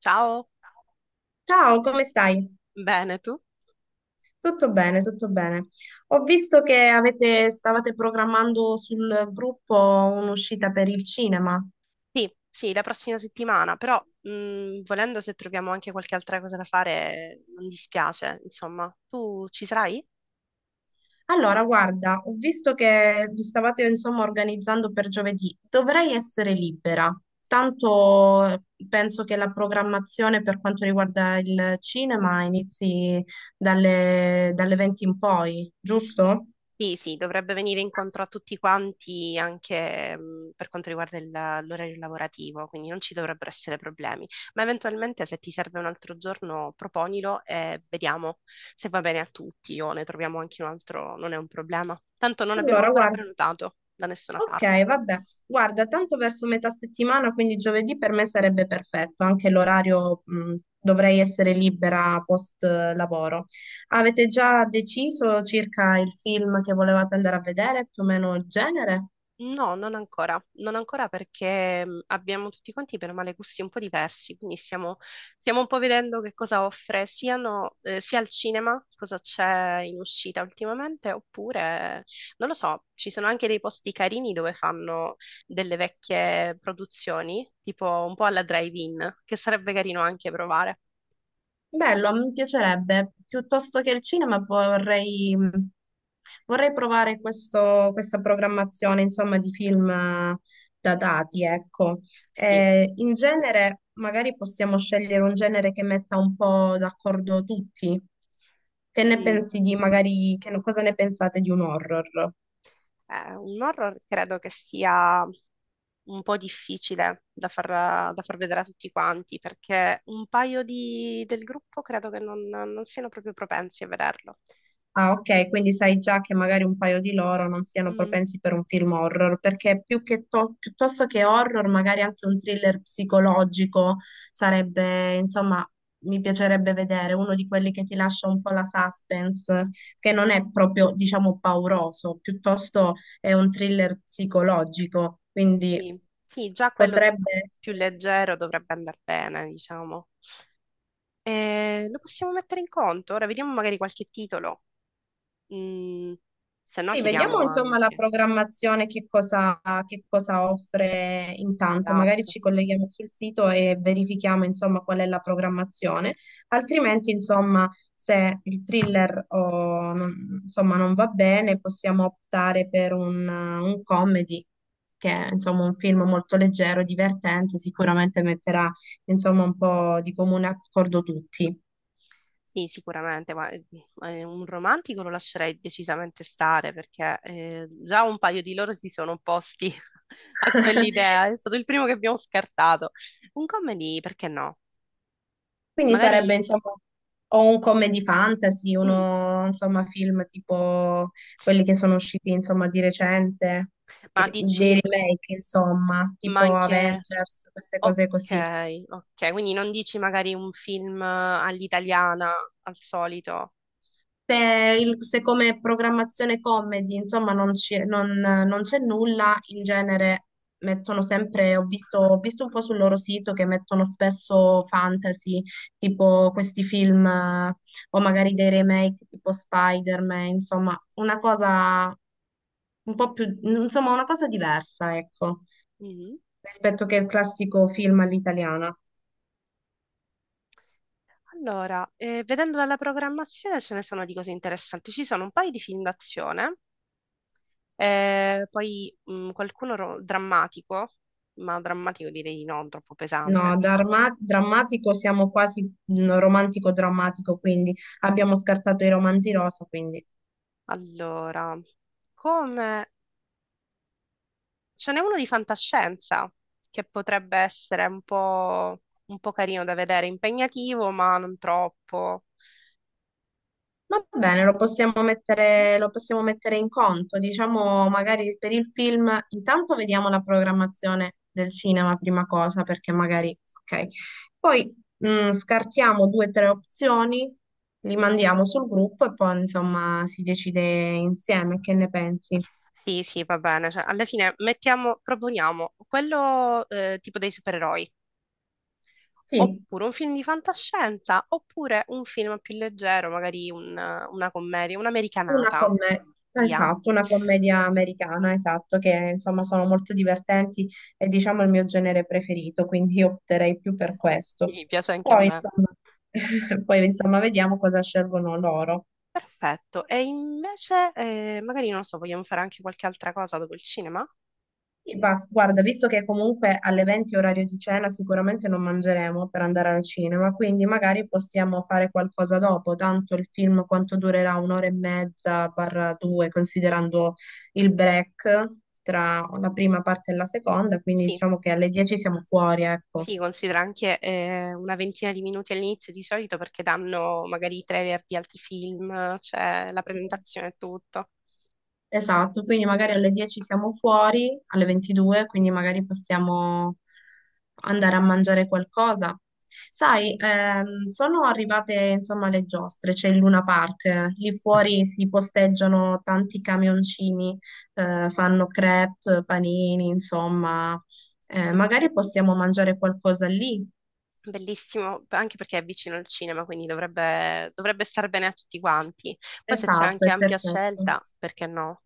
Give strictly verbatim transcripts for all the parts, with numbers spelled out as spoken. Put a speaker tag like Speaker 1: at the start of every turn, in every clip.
Speaker 1: Ciao,
Speaker 2: Ciao, come stai?
Speaker 1: bene tu?
Speaker 2: Tutto bene, tutto bene. Ho visto che avete- stavate programmando sul gruppo un'uscita per il cinema.
Speaker 1: Sì, sì, la prossima settimana, però mh, volendo se troviamo anche qualche altra cosa da fare, non dispiace, insomma. Tu ci sarai?
Speaker 2: Allora, guarda, ho visto che vi stavate insomma organizzando per giovedì. Dovrei essere libera. Tanto eh, penso che la programmazione per quanto riguarda il cinema inizi dalle, dalle venti in poi, giusto?
Speaker 1: Sì, sì, dovrebbe venire incontro a tutti quanti anche mh, per quanto riguarda il- l'orario lavorativo, quindi non ci dovrebbero essere problemi. Ma eventualmente se ti serve un altro giorno, proponilo e vediamo se va bene a tutti o ne troviamo anche un altro, non è un problema. Tanto non abbiamo
Speaker 2: Allora,
Speaker 1: ancora
Speaker 2: guarda.
Speaker 1: prenotato da nessuna
Speaker 2: Ok,
Speaker 1: parte.
Speaker 2: vabbè. Guarda, tanto verso metà settimana, quindi giovedì per me sarebbe perfetto, anche l'orario, mh, dovrei essere libera post eh, lavoro. Avete già deciso circa il film che volevate andare a vedere, più o meno il genere?
Speaker 1: No, non ancora, non ancora perché mh, abbiamo tutti quanti per male gusti un po' diversi, quindi stiamo, stiamo un po' vedendo che cosa offre siano, eh, sia al cinema, cosa c'è in uscita ultimamente, oppure non lo so, ci sono anche dei posti carini dove fanno delle vecchie produzioni, tipo un po' alla drive-in, che sarebbe carino anche provare.
Speaker 2: Bello, mi piacerebbe. Piuttosto che il cinema vorrei, mm, vorrei provare questo- questa programmazione, insomma, di film eh, datati, ecco.
Speaker 1: Sì.
Speaker 2: Eh, in genere, magari possiamo scegliere un genere che metta un po' d'accordo tutti. Che ne
Speaker 1: Mm.
Speaker 2: pensi di, magari, che, cosa ne pensate di un horror?
Speaker 1: Eh, un horror credo che sia un po' difficile da far, da far vedere a tutti quanti, perché un paio di- del gruppo credo che non, non siano proprio propensi a vederlo.
Speaker 2: Ah, ok, quindi sai già che magari un paio di loro non siano
Speaker 1: Mm,
Speaker 2: propensi per un film horror, perché più che to- piuttosto che horror, magari anche un thriller psicologico sarebbe, insomma, mi piacerebbe vedere uno di quelli che ti lascia un po' la suspense, che non è proprio, diciamo, pauroso, piuttosto è un thriller psicologico, quindi
Speaker 1: sì, sì, già quello
Speaker 2: potrebbe
Speaker 1: più
Speaker 2: essere.
Speaker 1: leggero dovrebbe andare bene, diciamo. Eh, lo possiamo mettere in conto? Ora vediamo magari qualche titolo. Mm, Se no
Speaker 2: Sì, vediamo
Speaker 1: chiediamo
Speaker 2: insomma la
Speaker 1: anche.
Speaker 2: programmazione, che cosa, che cosa offre intanto. Magari
Speaker 1: Esatto.
Speaker 2: ci colleghiamo sul sito e verifichiamo insomma qual è la programmazione. Altrimenti, insomma, se il thriller o, non- insomma, non va bene, possiamo optare per un, un comedy, che è insomma un film molto leggero, divertente, sicuramente metterà insomma un po' di comune accordo tutti.
Speaker 1: Sì, sicuramente, ma eh, eh, un romantico lo lascerei decisamente stare perché eh, già un paio di loro si sono opposti a quell'idea, è stato il primo che abbiamo scartato. Un comedy, perché no?
Speaker 2: Quindi
Speaker 1: Magari,
Speaker 2: sarebbe, insomma, o un comedy fantasy,
Speaker 1: mm,
Speaker 2: uno, insomma, film tipo quelli che sono usciti, insomma, di recente,
Speaker 1: ma
Speaker 2: che- dei
Speaker 1: dici,
Speaker 2: remake, insomma,
Speaker 1: ma
Speaker 2: tipo
Speaker 1: anche,
Speaker 2: Avengers, queste cose così.
Speaker 1: ok, ok, quindi non dici magari un film all'italiana, al solito.
Speaker 2: Se, il- se come programmazione comedy, insomma, non c'è non- non c'è nulla, in genere mettono sempre, ho visto, ho visto un po' sul loro sito che mettono spesso fantasy, tipo questi film, eh, o magari dei remake tipo Spider-Man, insomma, una cosa un po' più, insomma, una cosa diversa, ecco,
Speaker 1: Mm.
Speaker 2: rispetto che il classico film all'italiana.
Speaker 1: Allora, eh, vedendo dalla programmazione ce ne sono di cose interessanti, ci sono un paio di film d'azione. Eh, poi mh, qualcuno ro- drammatico, ma drammatico direi di no, troppo
Speaker 2: No,
Speaker 1: pesante.
Speaker 2: darma- drammatico siamo quasi mm, romantico-drammatico, quindi abbiamo scartato i romanzi rosa, quindi
Speaker 1: Allora, come ce n'è uno di fantascienza che potrebbe essere un po', un po' carino da vedere, impegnativo, ma non troppo.
Speaker 2: va bene, lo possiamo mettere, lo possiamo mettere in conto. Diciamo, magari per il film, intanto vediamo la programmazione del cinema prima cosa, perché magari, ok. Poi mm, scartiamo due o tre opzioni, li mandiamo sul gruppo e poi insomma si decide insieme, che ne pensi?
Speaker 1: Sì, sì, va bene. Cioè, alla fine mettiamo, proponiamo quello eh, tipo dei supereroi,
Speaker 2: Sì.
Speaker 1: oppure un film di fantascienza, oppure un film più leggero, magari un- una commedia,
Speaker 2: Una
Speaker 1: un'americanata.
Speaker 2: commedia,
Speaker 1: Via.
Speaker 2: esatto, una commedia americana, esatto, che insomma sono molto divertenti e diciamo il mio genere preferito, quindi io opterei più per questo.
Speaker 1: Sì, piace anche a
Speaker 2: Poi
Speaker 1: me.
Speaker 2: insomma, poi, insomma, vediamo cosa scelgono loro.
Speaker 1: Perfetto. E invece, eh, magari non lo so, vogliamo fare anche qualche altra cosa dopo il cinema?
Speaker 2: E basta. Guarda, visto che comunque alle venti orario di cena sicuramente non mangeremo per andare al cinema, quindi magari possiamo fare qualcosa dopo, tanto il film quanto durerà un'ora e mezza barra due, considerando il break tra la prima parte e la seconda, quindi
Speaker 1: Sì,
Speaker 2: diciamo che alle dieci siamo fuori, ecco.
Speaker 1: sì, considera anche eh, una ventina di minuti all'inizio di solito perché danno magari i trailer di altri film, c'è la presentazione e tutto.
Speaker 2: Esatto, quindi magari alle dieci siamo fuori, alle ventidue, quindi magari possiamo andare a mangiare qualcosa. Sai, ehm, sono arrivate insomma le giostre, c'è il Luna Park, eh, lì fuori si posteggiano tanti camioncini, eh, fanno crepe, panini, insomma, eh,
Speaker 1: Sì.
Speaker 2: magari possiamo mangiare qualcosa lì.
Speaker 1: Bellissimo, anche perché è vicino al cinema, quindi dovrebbe, dovrebbe star bene a tutti quanti. Poi se c'è
Speaker 2: Esatto,
Speaker 1: anche
Speaker 2: è
Speaker 1: ampia
Speaker 2: perfetto.
Speaker 1: scelta, perché no?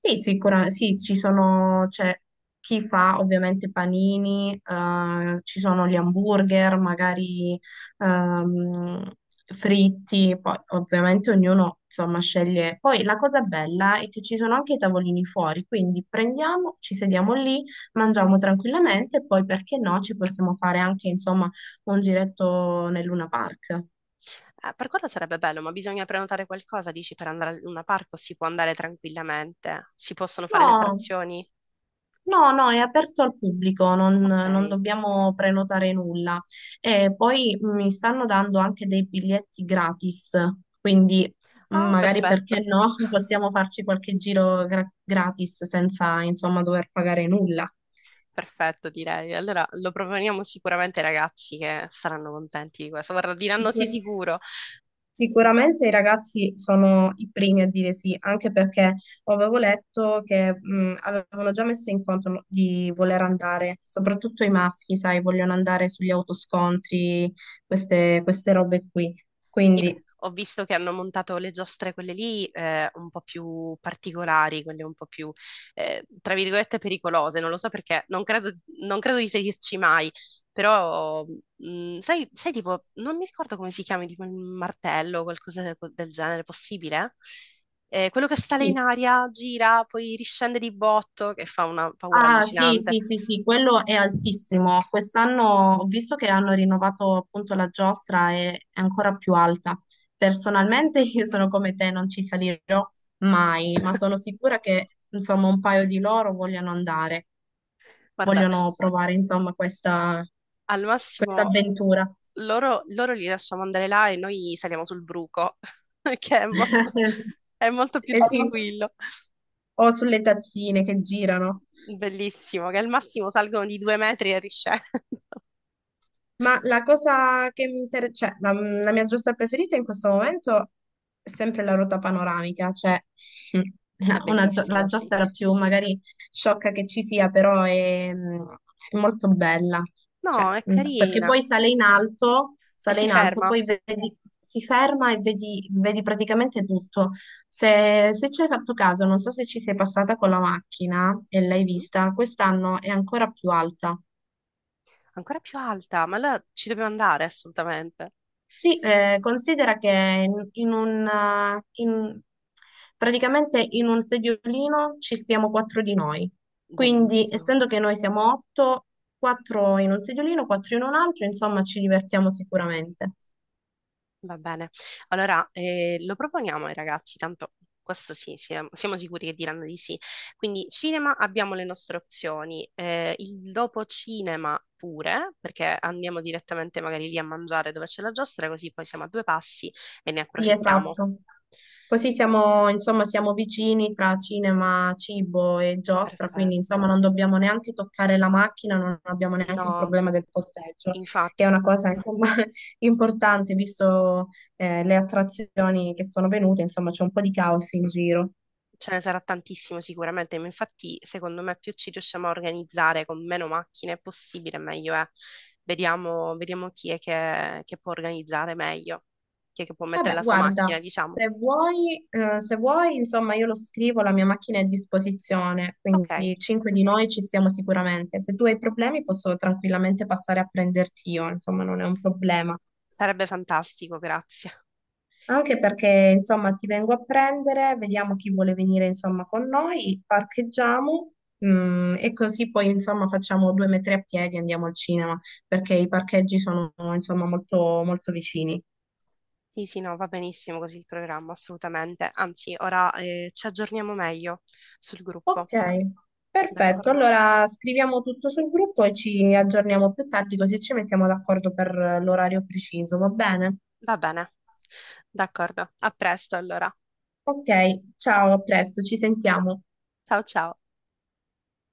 Speaker 2: Sì, sicuramente, sì, ci sono, c'è chi fa ovviamente panini, eh, ci sono gli hamburger, magari ehm, fritti, poi ovviamente ognuno insomma sceglie. Poi la cosa bella è che ci sono anche i tavolini fuori, quindi prendiamo, ci sediamo lì, mangiamo tranquillamente e poi perché no, ci possiamo fare anche insomma un giretto nel Luna Park.
Speaker 1: Eh, per quello sarebbe bello, ma bisogna prenotare qualcosa, dici, per andare al Luna Park o si può andare tranquillamente? Si possono fare le
Speaker 2: No.
Speaker 1: attrazioni?
Speaker 2: No, no, è aperto al pubblico, non, non
Speaker 1: Ok.
Speaker 2: dobbiamo prenotare nulla. E poi mi stanno dando anche dei biglietti gratis, quindi mh,
Speaker 1: Ah,
Speaker 2: magari
Speaker 1: perfetto,
Speaker 2: perché no, possiamo farci qualche giro gra- gratis senza, insomma, dover pagare nulla.
Speaker 1: perfetto, direi. Allora lo proponiamo sicuramente ai ragazzi che saranno contenti di questo. Guarda, diranno sì
Speaker 2: Sicur-
Speaker 1: sicuro.
Speaker 2: Sicuramente i ragazzi sono i primi a dire sì, anche perché avevo letto che mh, avevano già messo in conto no, di voler andare, soprattutto i maschi, sai, vogliono andare sugli autoscontri, queste, queste robe qui.
Speaker 1: Sì, beh,
Speaker 2: Quindi
Speaker 1: ho visto che hanno montato le giostre, quelle lì, eh, un po' più particolari, quelle un po' più, eh, tra virgolette, pericolose. Non lo so perché, non credo, non credo di seguirci mai, però mh, sai, sai, tipo, non mi ricordo come si chiami, tipo il martello o qualcosa del, del genere, possibile? Eh, quello che sale in
Speaker 2: sì,
Speaker 1: aria, gira, poi riscende di botto, che fa una paura
Speaker 2: ah, sì,
Speaker 1: allucinante.
Speaker 2: sì, sì, sì, quello è altissimo. Quest'anno ho visto che hanno rinnovato appunto la giostra e è ancora più alta. Personalmente io sono come te, non ci salirò mai, ma sono sicura che insomma un paio di loro vogliono andare,
Speaker 1: Guarda,
Speaker 2: vogliono provare insomma questa,
Speaker 1: al
Speaker 2: questa
Speaker 1: massimo
Speaker 2: avventura.
Speaker 1: loro, loro li lasciamo andare là e noi saliamo sul bruco, che è molto, è molto più
Speaker 2: Eh sì,
Speaker 1: tranquillo.
Speaker 2: o sulle tazzine che girano.
Speaker 1: Bellissimo, che al massimo salgono di due metri e riscendono.
Speaker 2: Ma la cosa che mi interessa, cioè la, la mia giostra preferita in questo momento è sempre la ruota panoramica, cioè mm,
Speaker 1: È
Speaker 2: la- una, gio- la
Speaker 1: bellissima, sì.
Speaker 2: giostra più magari sciocca che ci sia, però è, mm, è molto bella,
Speaker 1: No,
Speaker 2: cioè,
Speaker 1: è
Speaker 2: mm, perché
Speaker 1: carina.
Speaker 2: poi sale in alto,
Speaker 1: E
Speaker 2: sale
Speaker 1: si
Speaker 2: in alto,
Speaker 1: ferma.
Speaker 2: poi vedi, si ferma e vedi, vedi praticamente tutto. Se, se ci hai fatto caso, non so se ci sei passata con la macchina e l'hai
Speaker 1: Mhm.
Speaker 2: vista, quest'anno è ancora più alta.
Speaker 1: Ancora più alta, ma allora ci dobbiamo andare assolutamente.
Speaker 2: Sì, eh, considera che in, in un, eh, in- praticamente in un sediolino ci stiamo quattro di noi. Quindi,
Speaker 1: Bellissimo.
Speaker 2: essendo che noi siamo otto, quattro in un sediolino, quattro in un altro, insomma, ci divertiamo sicuramente.
Speaker 1: Va bene. Allora, eh, lo proponiamo ai ragazzi, tanto questo sì, siamo, siamo sicuri che diranno di sì. Quindi cinema abbiamo le nostre opzioni, eh, il dopo cinema pure, perché andiamo direttamente magari lì a mangiare dove c'è la giostra, così poi siamo a due passi e ne
Speaker 2: Sì,
Speaker 1: approfittiamo.
Speaker 2: esatto. Così siamo, insomma, siamo vicini tra cinema, cibo e giostra, quindi
Speaker 1: Perfetto.
Speaker 2: insomma non dobbiamo neanche toccare la macchina, non abbiamo neanche il
Speaker 1: No,
Speaker 2: problema del posteggio, che è
Speaker 1: infatti.
Speaker 2: una cosa insomma importante, visto eh, le attrazioni che sono venute, insomma c'è un po' di caos in giro.
Speaker 1: Ce ne sarà tantissimo sicuramente, ma infatti secondo me più ci riusciamo a organizzare con meno macchine possibile, meglio è. Vediamo, vediamo chi è che, che può organizzare meglio, chi è che può mettere
Speaker 2: Vabbè,
Speaker 1: la sua
Speaker 2: guarda,
Speaker 1: macchina, diciamo.
Speaker 2: se vuoi, eh, se vuoi, insomma, io lo scrivo, la mia macchina è a disposizione,
Speaker 1: Ok,
Speaker 2: quindi cinque di noi ci siamo sicuramente. Se tu hai problemi posso tranquillamente passare a prenderti io, insomma, non è un problema.
Speaker 1: sarebbe fantastico, grazie.
Speaker 2: Anche perché, insomma, ti vengo a prendere, vediamo chi vuole venire, insomma, con noi, parcheggiamo, mm, e così poi, insomma, facciamo due metri a piedi e andiamo al cinema, perché i parcheggi sono, insomma, molto, molto vicini.
Speaker 1: Sì, sì, no, va benissimo così il programma, assolutamente. Anzi, ora eh, ci aggiorniamo meglio sul
Speaker 2: Ok,
Speaker 1: gruppo,
Speaker 2: perfetto.
Speaker 1: d'accordo?
Speaker 2: Allora scriviamo tutto sul gruppo
Speaker 1: Sì,
Speaker 2: e ci aggiorniamo più tardi, così ci mettiamo d'accordo per eh, l'orario preciso, va bene?
Speaker 1: va bene. D'accordo, a presto allora.
Speaker 2: Ok, ciao, a presto, ci sentiamo.
Speaker 1: Ciao ciao.